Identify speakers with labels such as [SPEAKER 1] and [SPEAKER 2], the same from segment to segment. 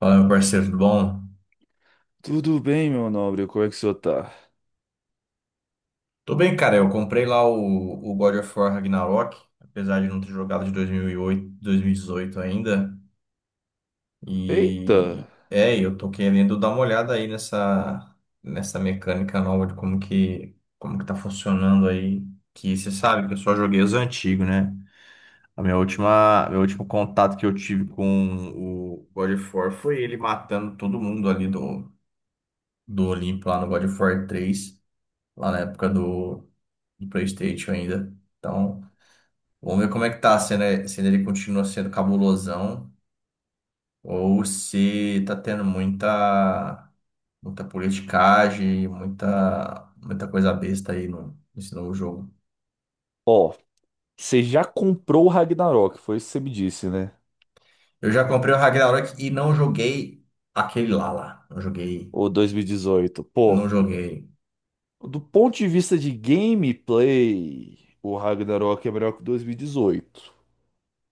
[SPEAKER 1] Fala, meu parceiro, tudo bom?
[SPEAKER 2] Tudo bem, meu nobre, como é que o senhor tá?
[SPEAKER 1] Tô bem, cara. Eu comprei lá o God of War Ragnarok, apesar de não ter jogado de 2018 ainda.
[SPEAKER 2] Eita!
[SPEAKER 1] E é, eu tô querendo dar uma olhada aí nessa mecânica nova de como que tá funcionando aí. Que você sabe que eu só joguei os antigos, né? Meu último contato que eu tive com o God of War foi ele matando todo mundo ali do Olimpo lá no God of War 3, lá na época do PlayStation ainda. Então, vamos ver como é que tá, se, né, se ele continua sendo cabulosão ou se tá tendo muita politicagem, muita coisa besta aí no, nesse novo jogo.
[SPEAKER 2] Ó, você já comprou o Ragnarok, foi isso que você me disse, né?
[SPEAKER 1] Eu já comprei o Ragnarok e não joguei aquele lá. Não joguei,
[SPEAKER 2] Ou 2018. Pô,
[SPEAKER 1] não joguei.
[SPEAKER 2] do ponto de vista de gameplay, o Ragnarok é melhor que o 2018.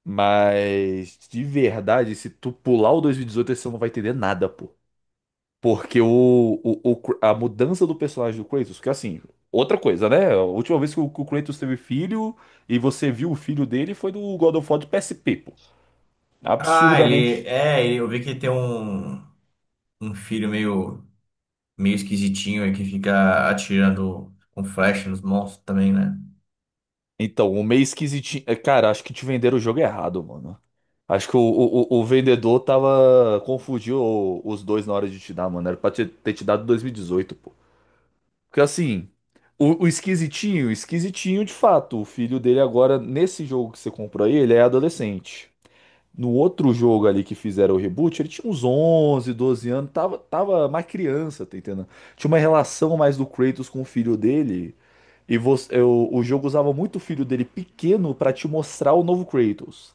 [SPEAKER 2] Mas, de verdade, se tu pular o 2018, você não vai entender nada, pô. Porque a mudança do personagem do Kratos, que assim, outra coisa, né? A última vez que o Kratos teve filho e você viu o filho dele foi do God of War de PSP, pô.
[SPEAKER 1] Ah,
[SPEAKER 2] Absurdamente.
[SPEAKER 1] eu vi que tem um filho meio esquisitinho aí que fica atirando com flecha nos monstros também, né?
[SPEAKER 2] Então, o meio esquisitinho. É, cara, acho que te venderam o jogo errado, mano. Acho que o vendedor tava. Confundiu os dois na hora de te dar, mano. Era pra ter te dado 2018, pô. Porque assim, o esquisitinho, esquisitinho de fato. O filho dele agora, nesse jogo que você comprou aí, ele é adolescente. No outro jogo ali que fizeram o reboot, ele tinha uns 11, 12 anos, tava mais criança, tá entendendo? Tinha uma relação mais do Kratos com o filho dele. E você, o jogo usava muito o filho dele pequeno pra te mostrar o novo Kratos.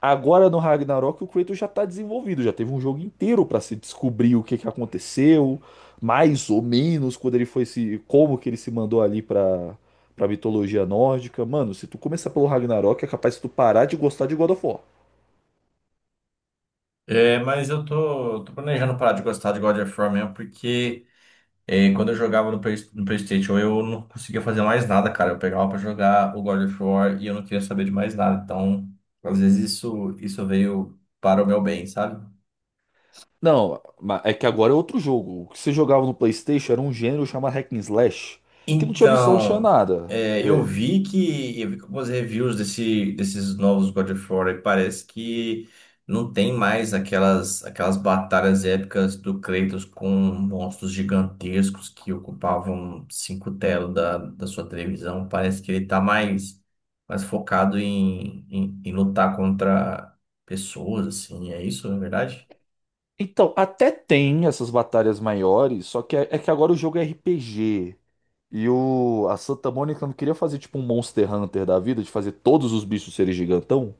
[SPEAKER 2] Agora no Ragnarok o Kratos já tá desenvolvido, já teve um jogo inteiro pra se descobrir o que que aconteceu, mais ou menos quando ele foi se, como que ele se mandou ali pra para mitologia nórdica. Mano, se tu começar pelo Ragnarok é capaz de tu parar de gostar de God of War.
[SPEAKER 1] É, mas eu tô planejando parar de gostar de God of War mesmo, porque é, quando eu jogava no PlayStation eu não conseguia fazer mais nada, cara. Eu pegava pra jogar o God of War e eu não queria saber de mais nada. Então, às vezes isso veio para o meu bem, sabe?
[SPEAKER 2] Não, é que agora é outro jogo. O que você jogava no PlayStation era um gênero chamado Hack and Slash, que não tinha missão, não tinha
[SPEAKER 1] Então,
[SPEAKER 2] nada.
[SPEAKER 1] é, eu vi que algumas reviews desses novos God of War e parece que não tem mais aquelas batalhas épicas do Kratos com monstros gigantescos que ocupavam cinco telas da sua televisão. Parece que ele tá mais focado em lutar contra pessoas, assim, é isso, na verdade?
[SPEAKER 2] Então, até tem essas batalhas maiores, só que é que agora o jogo é RPG. E a Santa Mônica não queria fazer tipo um Monster Hunter da vida, de fazer todos os bichos serem gigantão.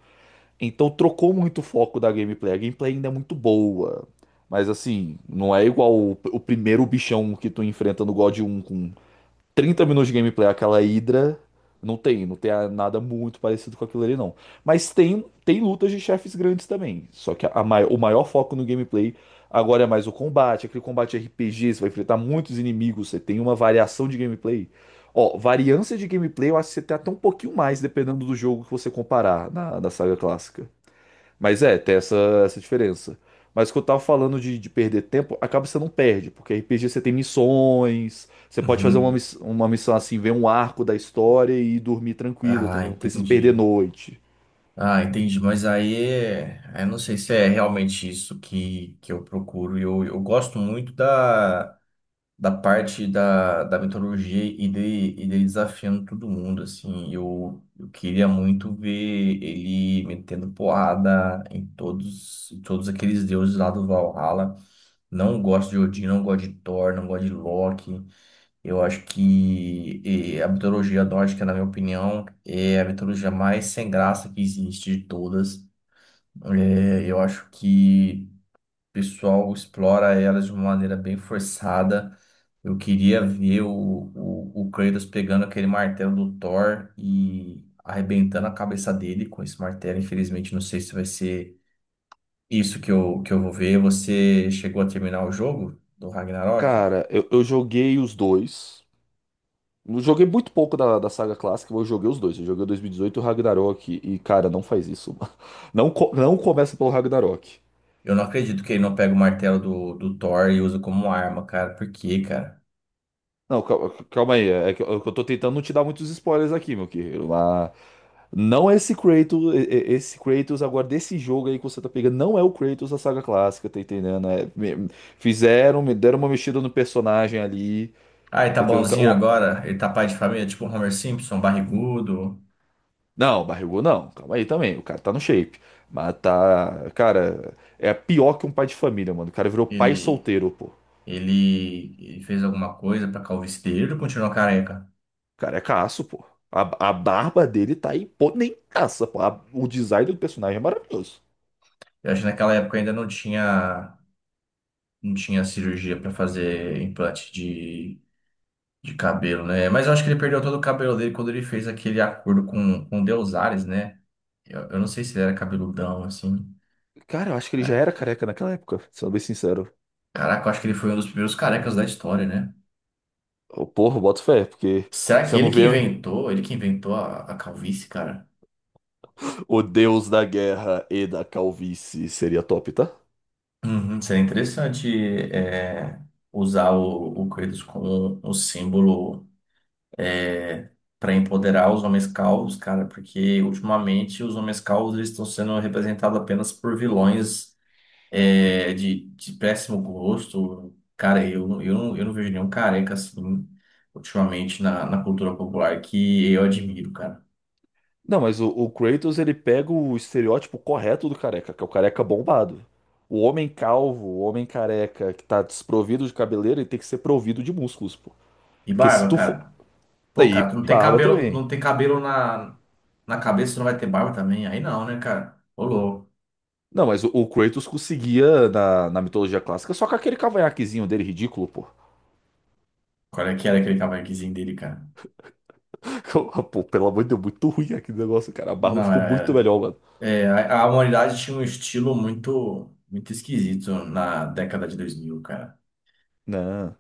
[SPEAKER 2] Então trocou muito o foco da gameplay. A gameplay ainda é muito boa. Mas assim, não é igual o primeiro bichão que tu enfrenta no God 1 com trinta minutos de gameplay, aquela Hydra, não tem nada muito parecido com aquilo ali, não. Mas tem, tem lutas de chefes grandes também. Só que o maior foco no gameplay agora é mais o combate, aquele combate RPG. Você vai enfrentar muitos inimigos, você tem uma variação de gameplay. Ó, variância de gameplay, eu acho que você tem até um pouquinho mais, dependendo do jogo que você comparar da saga clássica. Mas é, tem essa diferença. Mas o que eu tava falando de perder tempo, acaba que você não perde, porque RPG você tem missões, você pode fazer uma,
[SPEAKER 1] Uhum.
[SPEAKER 2] uma missão assim, ver um arco da história e dormir tranquilo,
[SPEAKER 1] Ah,
[SPEAKER 2] entendeu? Não precisa perder
[SPEAKER 1] entendi.
[SPEAKER 2] noite.
[SPEAKER 1] Ah, entendi, mas aí eu não sei se é realmente isso que eu procuro. Eu gosto muito da parte da metodologia e dele desafiando todo mundo, assim. Eu queria muito ver ele metendo porrada em todos aqueles deuses lá do Valhalla. Não gosto de Odin, não gosto de Thor, não gosto de Loki. Eu acho que a mitologia nórdica, na minha opinião, é a mitologia mais sem graça que existe de todas. É, eu acho que o pessoal explora elas de uma maneira bem forçada. Eu queria ver o Kratos pegando aquele martelo do Thor e arrebentando a cabeça dele com esse martelo. Infelizmente, não sei se vai ser isso que eu vou ver. Você chegou a terminar o jogo do Ragnarok?
[SPEAKER 2] Cara, eu joguei os dois. Eu joguei muito pouco da saga clássica, mas eu joguei os dois. Eu joguei o 2018 e dezoito e o Ragnarok. E, cara, não faz isso. Mano. Não, não começa pelo Ragnarok.
[SPEAKER 1] Eu não acredito que ele não pega o martelo do Thor e usa como arma, cara. Por quê, cara?
[SPEAKER 2] Não, calma aí. É é que eu tô tentando não te dar muitos spoilers aqui, meu querido. Mas não é esse Kratos. Esse Kratos agora desse jogo aí que você tá pegando não é o Kratos da saga clássica, tá entendendo? É, fizeram, me deram uma mexida no personagem ali,
[SPEAKER 1] Ah, ele tá
[SPEAKER 2] tá entendendo?
[SPEAKER 1] bonzinho agora? Ele tá pai de família, tipo o Homer Simpson, barrigudo.
[SPEAKER 2] Não, barrigou não, calma aí também, o cara tá no shape, mas tá, cara, é pior que um pai de família, mano, o cara virou pai
[SPEAKER 1] Ele.
[SPEAKER 2] solteiro, pô. O
[SPEAKER 1] Ele fez alguma coisa para calvície dele, ele continuou careca.
[SPEAKER 2] cara é caço, pô. A barba dele tá aí, pô, nem caça, pô. O design do personagem é maravilhoso.
[SPEAKER 1] Eu acho que naquela época ainda não tinha cirurgia para fazer implante de cabelo, né? Mas eu acho que ele perdeu todo o cabelo dele quando ele fez aquele acordo com o Deus Ares, né? Eu não sei se ele era cabeludão, assim.
[SPEAKER 2] Cara, eu acho que ele já
[SPEAKER 1] É,
[SPEAKER 2] era careca naquela época, sendo bem sincero.
[SPEAKER 1] caraca, eu acho que ele foi um dos primeiros carecas da história, né?
[SPEAKER 2] Ô, porra, boto fé, porque
[SPEAKER 1] Será que
[SPEAKER 2] você
[SPEAKER 1] ele
[SPEAKER 2] não
[SPEAKER 1] que
[SPEAKER 2] vê.
[SPEAKER 1] inventou? Ele que inventou a calvície, cara?
[SPEAKER 2] O deus da guerra e da calvície seria top, tá?
[SPEAKER 1] Uhum, seria interessante é, usar o Kratos como um símbolo para empoderar os homens calvos, cara, porque ultimamente os homens calvos eles estão sendo representados apenas por vilões é, de péssimo gosto. Cara, eu não vejo nenhum careca assim ultimamente na cultura popular que eu admiro, cara.
[SPEAKER 2] Não, mas o Kratos ele pega o estereótipo correto do careca, que é o careca bombado. O homem calvo, o homem careca que tá desprovido de cabeleira, ele tem que ser provido de músculos, pô.
[SPEAKER 1] E
[SPEAKER 2] Porque se
[SPEAKER 1] barba,
[SPEAKER 2] tu for.
[SPEAKER 1] cara. Pô,
[SPEAKER 2] Daí,
[SPEAKER 1] cara, tu não tem
[SPEAKER 2] barba
[SPEAKER 1] cabelo,
[SPEAKER 2] também.
[SPEAKER 1] não tem cabelo na cabeça, tu não vai ter barba também? Aí não, né, cara? Ô, louco.
[SPEAKER 2] Não, mas o Kratos conseguia, na mitologia clássica, só com aquele cavanhaquezinho dele ridículo, pô.
[SPEAKER 1] Qual é que era aquele cavanhaquezinho dele, cara?
[SPEAKER 2] Pô, pelo amor de Deus, muito ruim aquele negócio, cara. A barba
[SPEAKER 1] Não,
[SPEAKER 2] ficou muito
[SPEAKER 1] era.
[SPEAKER 2] melhor, mano.
[SPEAKER 1] É, a humanidade tinha um estilo muito, muito esquisito na década de 2000, cara.
[SPEAKER 2] Não.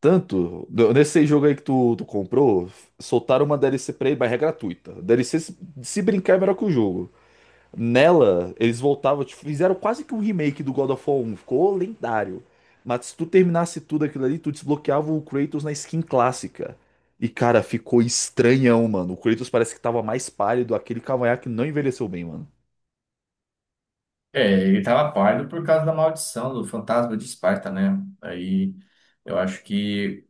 [SPEAKER 2] Tanto, nesse jogo aí que tu comprou, soltaram uma DLC pra ele, mas é gratuita. DLC, se brincar, é melhor que o jogo. Nela, eles voltavam, tipo, fizeram quase que um remake do God of War um ficou lendário. Mas se tu terminasse tudo aquilo ali, tu desbloqueava o Kratos na skin clássica. E cara, ficou estranhão, mano. O Kratos parece que tava mais pálido, aquele cavanhaque não envelheceu bem, mano.
[SPEAKER 1] É, ele tava pálido por causa da maldição do fantasma de Esparta, né? Aí eu acho que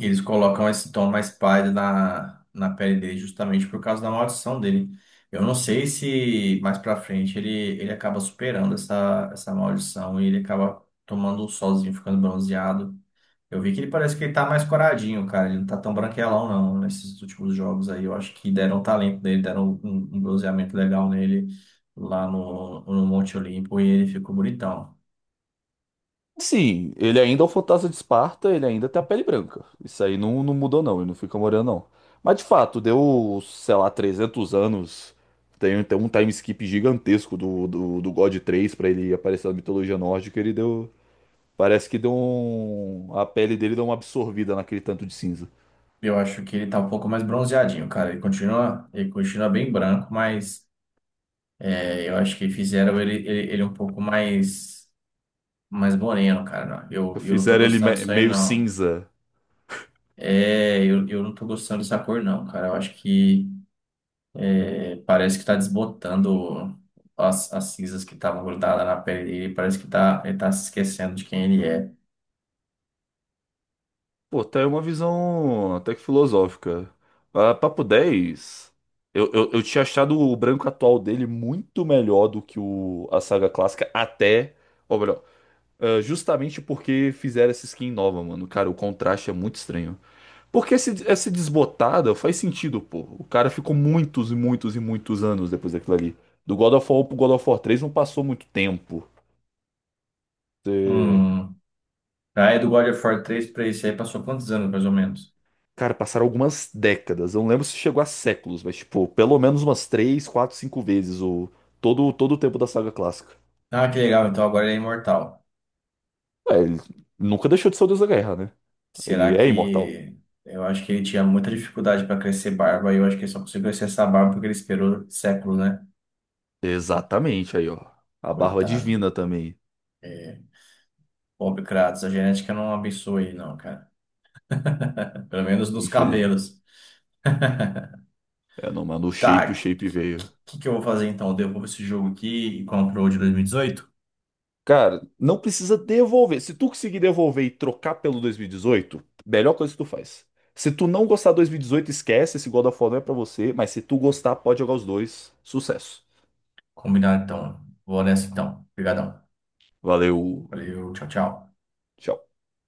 [SPEAKER 1] eles colocam esse tom mais pálido na pele dele justamente por causa da maldição dele. Eu não sei se mais pra frente ele acaba superando essa maldição e ele acaba tomando um solzinho, ficando bronzeado. Eu vi que ele parece que ele tá mais coradinho, cara. Ele não tá tão branquelão, não, nesses últimos jogos aí. Eu acho que deram um talento nele, deram um bronzeamento legal nele lá no Monte Olimpo e ele ficou bonitão.
[SPEAKER 2] Sim, ele ainda é o fantasma de Esparta, ele ainda tem a pele branca. Isso aí não, não mudou, não, ele não fica moreno, não. Mas de fato, deu, sei lá, 300 anos. Tem, tem um time skip gigantesco do God três pra ele aparecer na mitologia nórdica. Ele deu. Parece que deu um. A pele dele deu uma absorvida naquele tanto de cinza.
[SPEAKER 1] Eu acho que ele tá um pouco mais bronzeadinho, cara. Ele continua bem branco, mas. É, eu acho que fizeram ele um pouco mais, mais moreno, cara. Não, eu não tô
[SPEAKER 2] Fizeram ele
[SPEAKER 1] gostando disso aí,
[SPEAKER 2] meio
[SPEAKER 1] não.
[SPEAKER 2] cinza.
[SPEAKER 1] É, eu não tô gostando dessa cor, não, cara. Eu acho que é, parece que tá desbotando as cinzas que estavam grudadas na pele dele. Parece que ele tá se esquecendo de quem ele é.
[SPEAKER 2] Pô, tá aí uma visão até que filosófica. Ah, papo 10. Eu tinha achado o branco atual dele muito melhor do que a saga clássica, até. Ou melhor, ah, justamente porque fizeram essa skin nova, mano. Cara, o contraste é muito estranho. Porque essa desbotada faz sentido, pô. O cara ficou muitos e muitos e muitos anos depois daquilo ali. Do God of War pro God of War 3 não passou muito tempo. É,
[SPEAKER 1] Hum. Aí do God of War 3 pra esse aí passou quantos anos, mais ou menos?
[SPEAKER 2] cara, passaram algumas décadas. Eu não lembro se chegou a séculos, mas, tipo, pelo menos umas 3 4 5 vezes o... todo o tempo da saga clássica.
[SPEAKER 1] Ah, que legal. Então agora ele é imortal.
[SPEAKER 2] É, ele nunca deixou de ser o Deus da Guerra, né?
[SPEAKER 1] Será
[SPEAKER 2] Ele é imortal.
[SPEAKER 1] que. Eu acho que ele tinha muita dificuldade para crescer barba e eu acho que ele só conseguiu crescer essa barba porque ele esperou séculos, né?
[SPEAKER 2] Exatamente, aí, ó. A barba
[SPEAKER 1] Coitado.
[SPEAKER 2] divina também,
[SPEAKER 1] É. Pobre Kratos, a genética não abençoa ele, não, cara. Pelo menos nos
[SPEAKER 2] infelizmente.
[SPEAKER 1] cabelos.
[SPEAKER 2] É, não, mano,
[SPEAKER 1] Tá, o
[SPEAKER 2] o shape
[SPEAKER 1] que,
[SPEAKER 2] veio.
[SPEAKER 1] que, que eu vou fazer então? Eu devolvo esse jogo aqui e compro o de 2018?
[SPEAKER 2] Cara, não precisa devolver. Se tu conseguir devolver e trocar pelo 2018, melhor coisa que tu faz. Se tu não gostar do 2018, esquece. Esse God of War não é pra você. Mas se tu gostar, pode jogar os dois. Sucesso.
[SPEAKER 1] Combinado então. Vou nessa então. Obrigadão.
[SPEAKER 2] Valeu.
[SPEAKER 1] Valeu, tchau, tchau.
[SPEAKER 2] Tchau.